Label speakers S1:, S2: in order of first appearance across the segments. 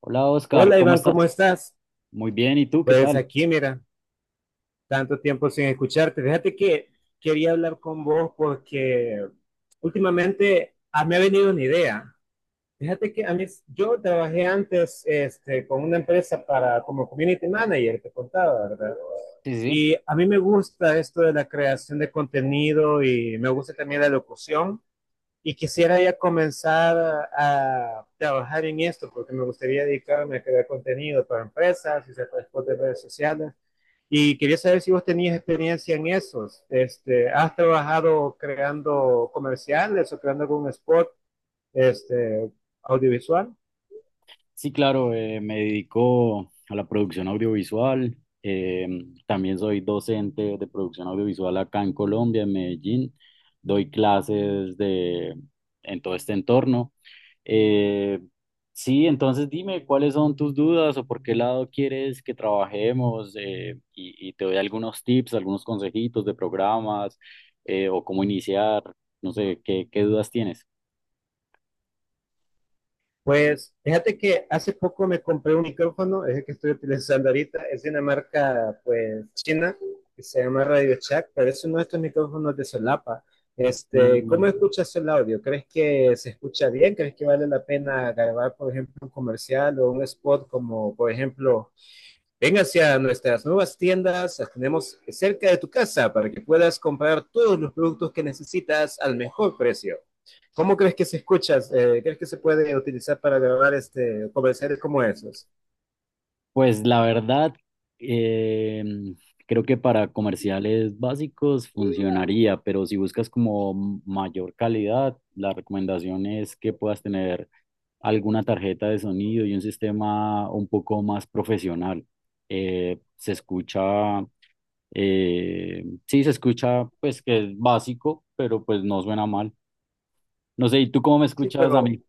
S1: Hola Oscar,
S2: Hola
S1: ¿cómo
S2: Iván,
S1: estás?
S2: ¿cómo estás?
S1: Muy bien, ¿y tú qué
S2: Pues
S1: tal?
S2: aquí, mira, tanto tiempo sin escucharte. Fíjate que quería hablar con vos porque últimamente me ha venido una idea. Fíjate que a mí, yo trabajé antes con una empresa para, como community manager, te contaba, ¿verdad?
S1: Sí, sí. Sí,
S2: Y a mí me gusta esto de la creación de contenido y me gusta también la locución y quisiera ya comenzar a trabajar en esto porque me gustaría dedicarme a crear contenido para empresas y después de redes sociales. Y quería saber si vos tenías experiencia en esos. ¿Has trabajado creando comerciales o creando algún spot este, audiovisual?
S1: sí claro, me dedico a la producción audiovisual, eh, también soy docente de producción audiovisual acá en Colombia, en Medellín, doy clases de, en todo este entorno. Eh, sí, entonces dime cuáles son tus dudas o por qué lado quieres que trabajemos, y te doy algunos tips, algunos consejitos de programas, o cómo iniciar, no sé, qué dudas tienes? Mm.
S2: Pues fíjate que hace poco me compré un micrófono, es el que estoy utilizando ahorita, es de una marca pues china que se llama Radio Shack, pero es uno de estos micrófonos de solapa. ¿Cómo escuchas el audio? ¿Crees que se escucha bien? ¿Crees que vale la pena grabar, por ejemplo, un comercial o un spot como, por ejemplo, ven hacia nuestras nuevas tiendas, las tenemos cerca de tu casa para que puedas comprar todos los productos que necesitas al mejor precio? ¿Cómo crees que se escucha? ¿Crees que se puede utilizar para grabar comerciales como esos?
S1: Pues la verdad, eh, creo que para comerciales básicos funcionaría, pero si buscas como mayor calidad, la recomendación es que puedas tener alguna tarjeta de sonido y un sistema un poco más profesional. Se escucha, sí, se escucha, pues que es básico, pero pues no suena mal. No sé, ¿y tú cómo me
S2: Sí,
S1: escuchas a
S2: pero
S1: mí?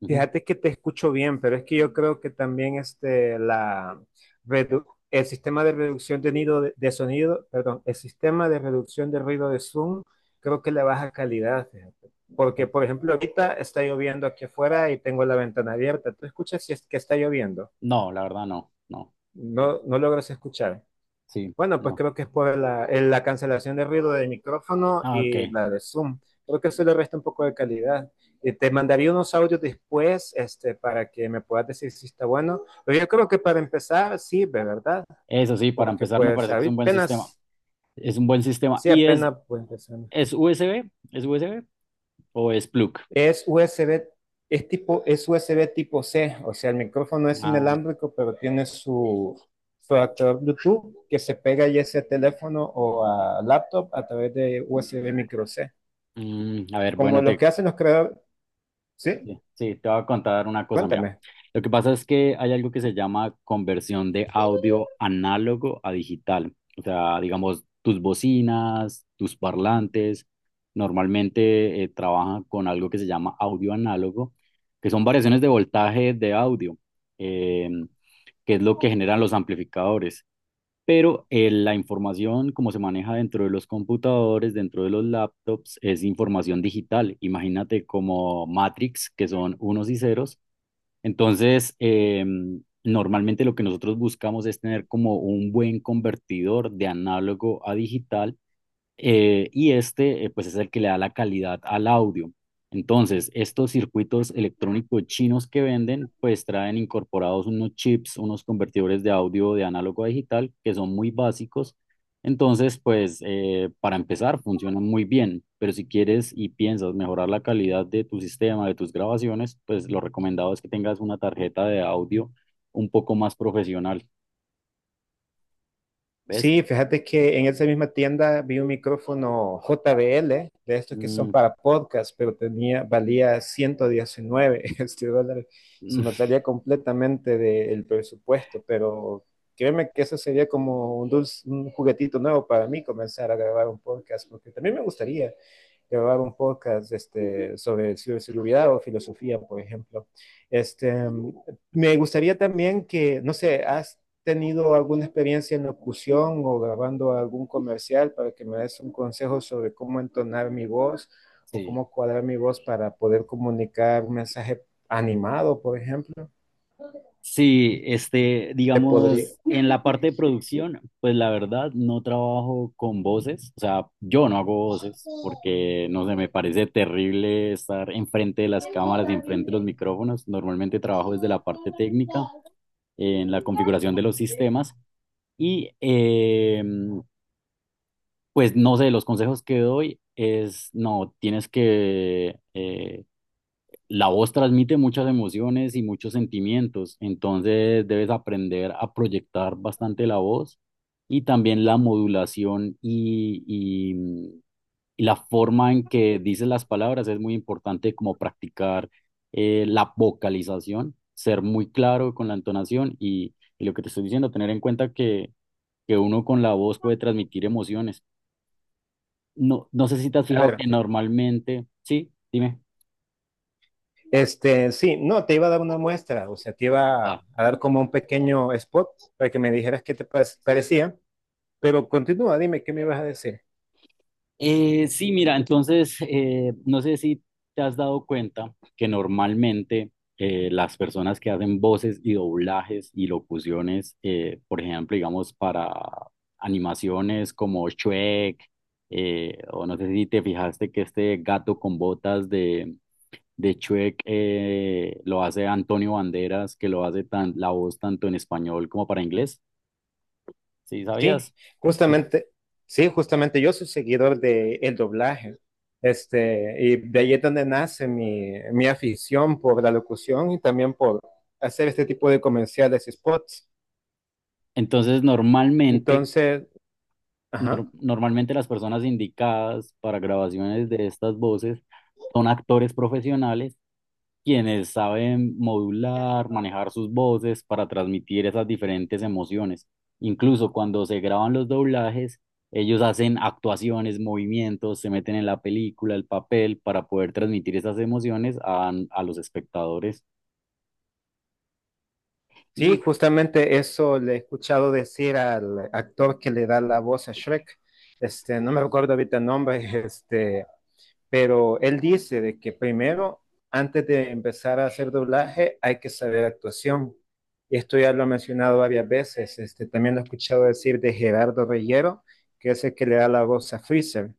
S1: Ujú.
S2: fíjate que te escucho bien, pero es que yo creo que también redu- el sistema de reducción nido de sonido, perdón, el sistema de reducción de ruido de Zoom, creo que le baja calidad, fíjate. Porque,
S1: Ok.
S2: por ejemplo, ahorita está lloviendo aquí afuera y tengo la ventana abierta. ¿Tú escuchas si es que está lloviendo?
S1: No, la verdad no, no,
S2: No, no logras escuchar.
S1: sí.
S2: Bueno, pues
S1: No.
S2: creo que es por la cancelación de ruido del micrófono
S1: Ah, ok.
S2: y la de Zoom. Creo que eso le resta un poco de calidad. Te mandaría unos audios después, para que me puedas decir si está bueno. Pero yo creo que para empezar sirve, ¿verdad?
S1: Eso sí, para
S2: Porque
S1: empezar me
S2: pues
S1: parece que es un buen sistema.
S2: apenas,
S1: Es un buen sistema.
S2: sí,
S1: ¿Y
S2: apenas pues empezamos.
S1: es USB? ¿Es USB o es plug?
S2: Es USB, es USB tipo C, o sea, el micrófono es
S1: Ah,
S2: inalámbrico, pero tiene su adaptador Bluetooth que se pega ya sea a teléfono o a laptop a través de USB micro C.
S1: mm, a ver,
S2: Como
S1: bueno,
S2: los
S1: te…
S2: que hacen los creadores, ¿sí?
S1: Sí, sí, te voy a contar una cosa, mira.
S2: Cuéntame.
S1: Lo que pasa es que hay algo que se llama conversión de audio análogo a digital. O sea, digamos, tus bocinas, tus parlantes, normalmente trabajan con algo que se llama audio análogo, que son variaciones de voltaje de audio, eh, que es lo que generan los amplificadores, pero, la información como se maneja dentro de los computadores, dentro de los laptops, es información digital. Imagínate como Matrix, que son unos y ceros. Entonces, normalmente lo que nosotros buscamos es tener como un buen convertidor de análogo a digital, y pues es el que le da la calidad al audio. Entonces, estos circuitos electrónicos chinos que venden pues traen incorporados unos chips, unos convertidores de audio de análogo a digital, que son muy básicos. Entonces, pues para empezar, funcionan muy bien, pero si quieres y piensas mejorar la calidad de tu sistema, de tus grabaciones, pues lo recomendado es que tengas una tarjeta de audio un poco más profesional, ¿ves?
S2: Sí, fíjate que en esa misma tienda vi un micrófono JBL, de estos que son
S1: Mm.
S2: para podcast, pero valía 119 dólares. Se
S1: Mm,
S2: me salía completamente del presupuesto, pero créeme que eso sería como un dulce, un juguetito nuevo para mí comenzar a grabar un podcast, porque también me gustaría grabar un podcast sobre ciberseguridad o filosofía, por ejemplo. Este, Me gustaría también que, no sé, has tenido alguna experiencia en locución o grabando algún comercial para que me des un consejo sobre cómo entonar mi voz o
S1: sí.
S2: cómo cuadrar mi voz para poder comunicar un mensaje animado, por ejemplo.
S1: Sí, este,
S2: Te podría,
S1: digamos, en la parte de producción, pues la verdad no trabajo con voces, o sea, yo no hago voces porque, no sé, me parece terrible estar enfrente de las cámaras y enfrente de los micrófonos. Normalmente trabajo desde la parte técnica, en la configuración de los sistemas y, pues, no sé, los consejos que doy es, no, tienes que… la voz transmite muchas emociones y muchos sentimientos, entonces debes aprender a proyectar bastante la voz y también la modulación y la forma en que dices las palabras es muy importante, como practicar la vocalización, ser muy claro con la entonación y lo que te estoy diciendo, tener en cuenta que uno con la voz puede transmitir emociones. No, no sé si te has
S2: a
S1: fijado
S2: ver,
S1: que normalmente, sí, dime.
S2: sí, no, te iba a dar una muestra, o sea, te iba a dar como un pequeño spot para que me dijeras qué te parecía. Pero continúa, dime, ¿qué me vas a decir?
S1: Sí, mira, entonces, no sé si te has dado cuenta que normalmente las personas que hacen voces y doblajes y locuciones, por ejemplo, digamos, para animaciones como Shrek, o no sé si te fijaste que este gato con botas de Shrek lo hace Antonio Banderas, que lo hace tan, la voz tanto en español como para inglés. ¿Sí
S2: Sí,
S1: sabías?
S2: justamente, sí, justamente, yo soy seguidor de el doblaje. Y de ahí es donde nace mi afición por la locución y también por hacer este tipo de comerciales y spots.
S1: Entonces, normalmente…
S2: Entonces, ajá,
S1: Normalmente las personas indicadas para grabaciones de estas voces son actores profesionales, quienes saben modular, manejar sus voces para transmitir esas diferentes emociones. Incluso cuando se graban los doblajes, ellos hacen actuaciones, movimientos, se meten en la película, el papel, para poder transmitir esas emociones a los espectadores.
S2: sí,
S1: Y
S2: justamente eso le he escuchado decir al actor que le da la voz a Shrek. No me recuerdo ahorita el nombre, pero él dice de que primero, antes de empezar a hacer doblaje, hay que saber actuación. Esto ya lo ha mencionado varias veces, también lo he escuchado decir de Gerardo Reyero, que es el que le da la voz a Freezer,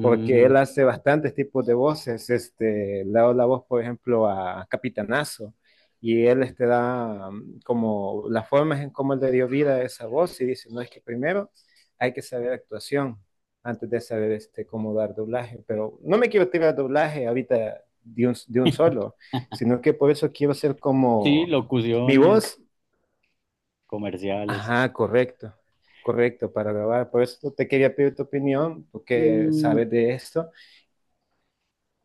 S2: porque él hace bastantes tipos de voces, le da la voz, por ejemplo, a Capitanazo, y él da como las formas en cómo él le dio vida a esa voz y dice, no es que primero hay que saber actuación antes de saber cómo dar doblaje, pero no me quiero tirar doblaje ahorita de un, solo, sino que por eso quiero ser
S1: sí,
S2: como mi
S1: locuciones,
S2: voz,
S1: comerciales.
S2: ajá, correcto, correcto para grabar, por eso te quería pedir tu opinión, porque
S1: Mm.
S2: sabes de esto.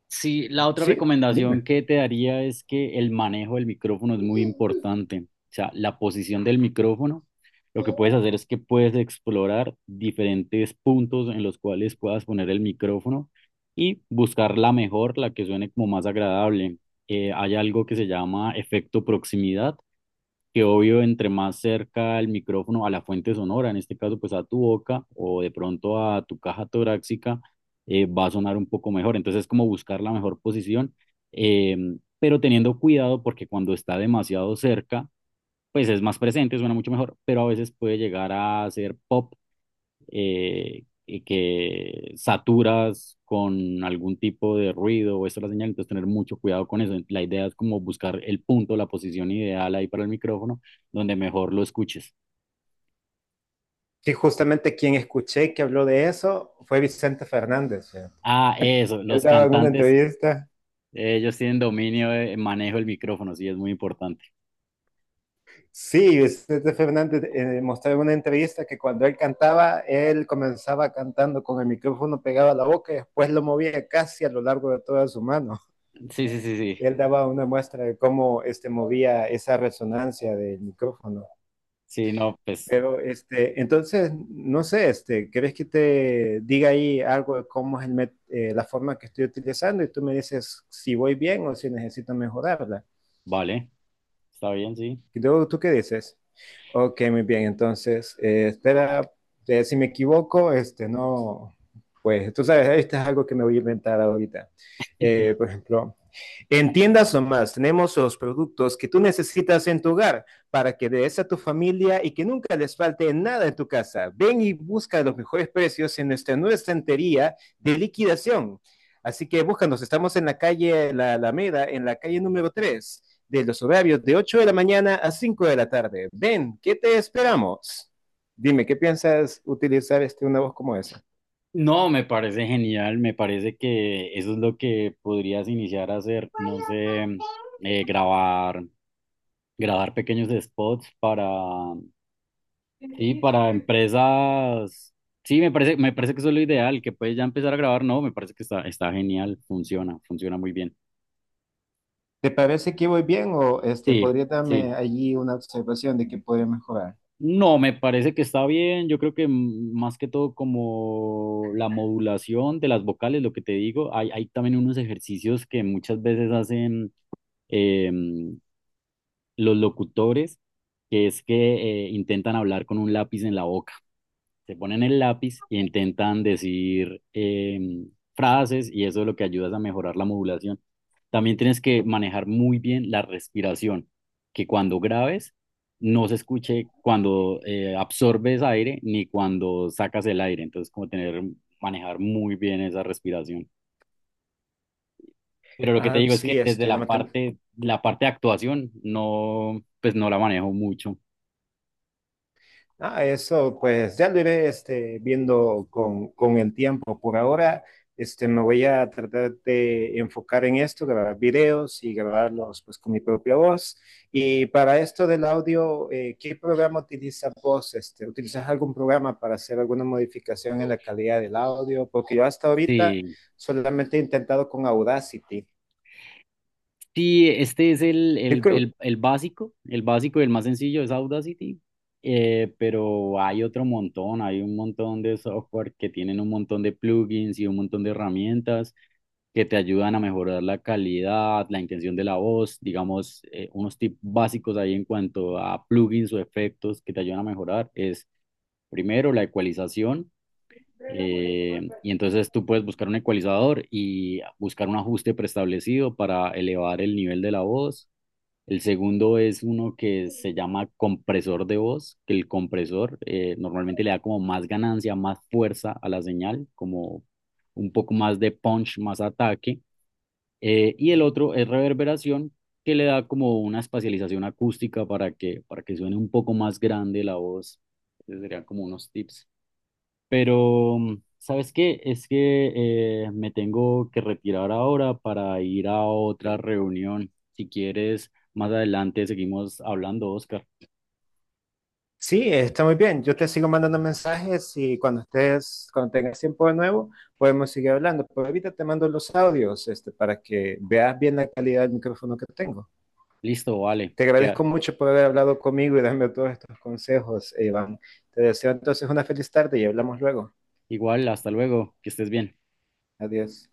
S1: Sí, la otra
S2: Sí,
S1: recomendación
S2: dime.
S1: que te daría es que el manejo del micrófono es muy importante. O sea, la posición del micrófono, lo que puedes hacer es que puedes explorar diferentes puntos en los cuales puedas poner el micrófono y buscar la mejor, la que suene como más agradable. Hay algo que se llama efecto proximidad, que obvio, entre más cerca el micrófono a la fuente sonora, en este caso pues a tu boca o de pronto a tu caja torácica, va a sonar un poco mejor. Entonces es como buscar la mejor posición, eh, pero teniendo cuidado porque cuando está demasiado cerca, pues es más presente, suena mucho mejor, pero a veces puede llegar a ser pop, y que saturas con algún tipo de ruido o esta es la señal, entonces tener mucho cuidado con eso. La idea es como buscar el punto, la posición ideal ahí para el micrófono, donde mejor lo escuches.
S2: Sí, justamente quien escuché que habló de eso fue Vicente Fernández. ¿Sí?
S1: Ah, eso,
S2: Él
S1: los
S2: daba alguna
S1: cantantes,
S2: entrevista.
S1: ellos tienen dominio de manejo del micrófono, sí, es muy importante.
S2: Sí, Vicente Fernández mostraba en una entrevista que cuando él cantaba, él comenzaba cantando con el micrófono pegado a la boca y después lo movía casi a lo largo de toda su mano.
S1: Sí, sí, sí, sí.
S2: Él daba una muestra de cómo movía esa resonancia del micrófono.
S1: Sí, no, pues
S2: Pero entonces, no sé, ¿querés que te diga ahí algo de cómo es la forma que estoy utilizando? Y tú me dices si voy bien o si necesito mejorarla.
S1: vale, está bien, sí.
S2: ¿Tú qué dices? Ok, muy bien. Entonces, espera, si me equivoco, no, pues tú sabes, esto es algo que me voy a inventar ahorita. Por ejemplo, en Tiendas o Más tenemos los productos que tú necesitas en tu hogar para que des a tu familia y que nunca les falte nada en tu casa. Ven y busca los mejores precios en nuestra nueva estantería de liquidación. Así que búscanos, estamos en la calle La Alameda, en la calle número 3 de los horarios de 8 de la mañana a 5 de la tarde. Ven, ¿qué te esperamos? Dime, ¿qué piensas utilizar una voz como esa?
S1: No, me parece genial, me parece que eso es lo que podrías iniciar a hacer, no sé, grabar, pequeños spots para, sí, para empresas. Sí, me parece que eso es lo ideal, que puedes ya empezar a grabar. No, me parece que está, está genial, funciona, funciona muy bien.
S2: ¿Te parece que voy bien o
S1: Sí,
S2: podría
S1: sí.
S2: darme allí una observación de que podría mejorar?
S1: No, me parece que está bien. Yo creo que mm, más que todo como la modulación de las vocales, lo que te digo, hay también unos ejercicios que muchas veces hacen em, los locutores, que es que intentan hablar con un lápiz en la boca. Se ponen el lápiz e intentan decir frases y eso es lo que ayuda es a mejorar la modulación. También tienes que manejar muy bien la respiración, que cuando grabes no se escuche cuando absorbes aire ni cuando sacas el aire. Entonces, como tener, manejar muy bien esa respiración. Pero lo que te
S2: Ah,
S1: digo es que
S2: sí,
S1: desde la parte de actuación, no, pues no la manejo mucho.
S2: ah, eso, pues ya lo iré, viendo con el tiempo. Por ahora, me voy a tratar de enfocar en esto, grabar videos y grabarlos, pues, con mi propia voz. Y para esto del audio, ¿qué programa utilizas vos? ¿Utilizas algún programa para hacer alguna modificación en la calidad del audio? Porque yo hasta ahorita
S1: Sí.
S2: solamente he intentado con Audacity.
S1: Sí, este es el básico y el más sencillo es Audacity, pero hay otro montón, hay un montón de software que tienen un montón de plugins y un montón de herramientas que te ayudan a mejorar la calidad, la intención de la voz, digamos, unos tips básicos ahí en cuanto a plugins o efectos que te ayudan a mejorar es primero la ecualización. Y entonces tú puedes buscar un ecualizador y buscar un ajuste preestablecido para elevar el nivel de la voz. El segundo es uno que se llama compresor de voz, que el compresor, normalmente le da como más ganancia, más fuerza a la señal, como un poco más de punch, más ataque. Y el otro es reverberación, que le da como una espacialización acústica para que suene un poco más grande la voz. Esos serían como unos tips. Pero, ¿sabes qué? Es que me tengo que retirar ahora para ir a otra reunión. Si quieres, más adelante seguimos hablando, Oscar.
S2: Sí, está muy bien. Yo te sigo mandando mensajes y cuando estés, cuando tengas tiempo de nuevo, podemos seguir hablando. Por ahorita te mando los audios, para que veas bien la calidad del micrófono que tengo.
S1: Listo, vale.
S2: Te
S1: Queda.
S2: agradezco mucho por haber hablado conmigo y darme todos estos consejos, Iván. Te deseo entonces una feliz tarde y hablamos luego.
S1: Igual, hasta luego. Que estés bien.
S2: Adiós.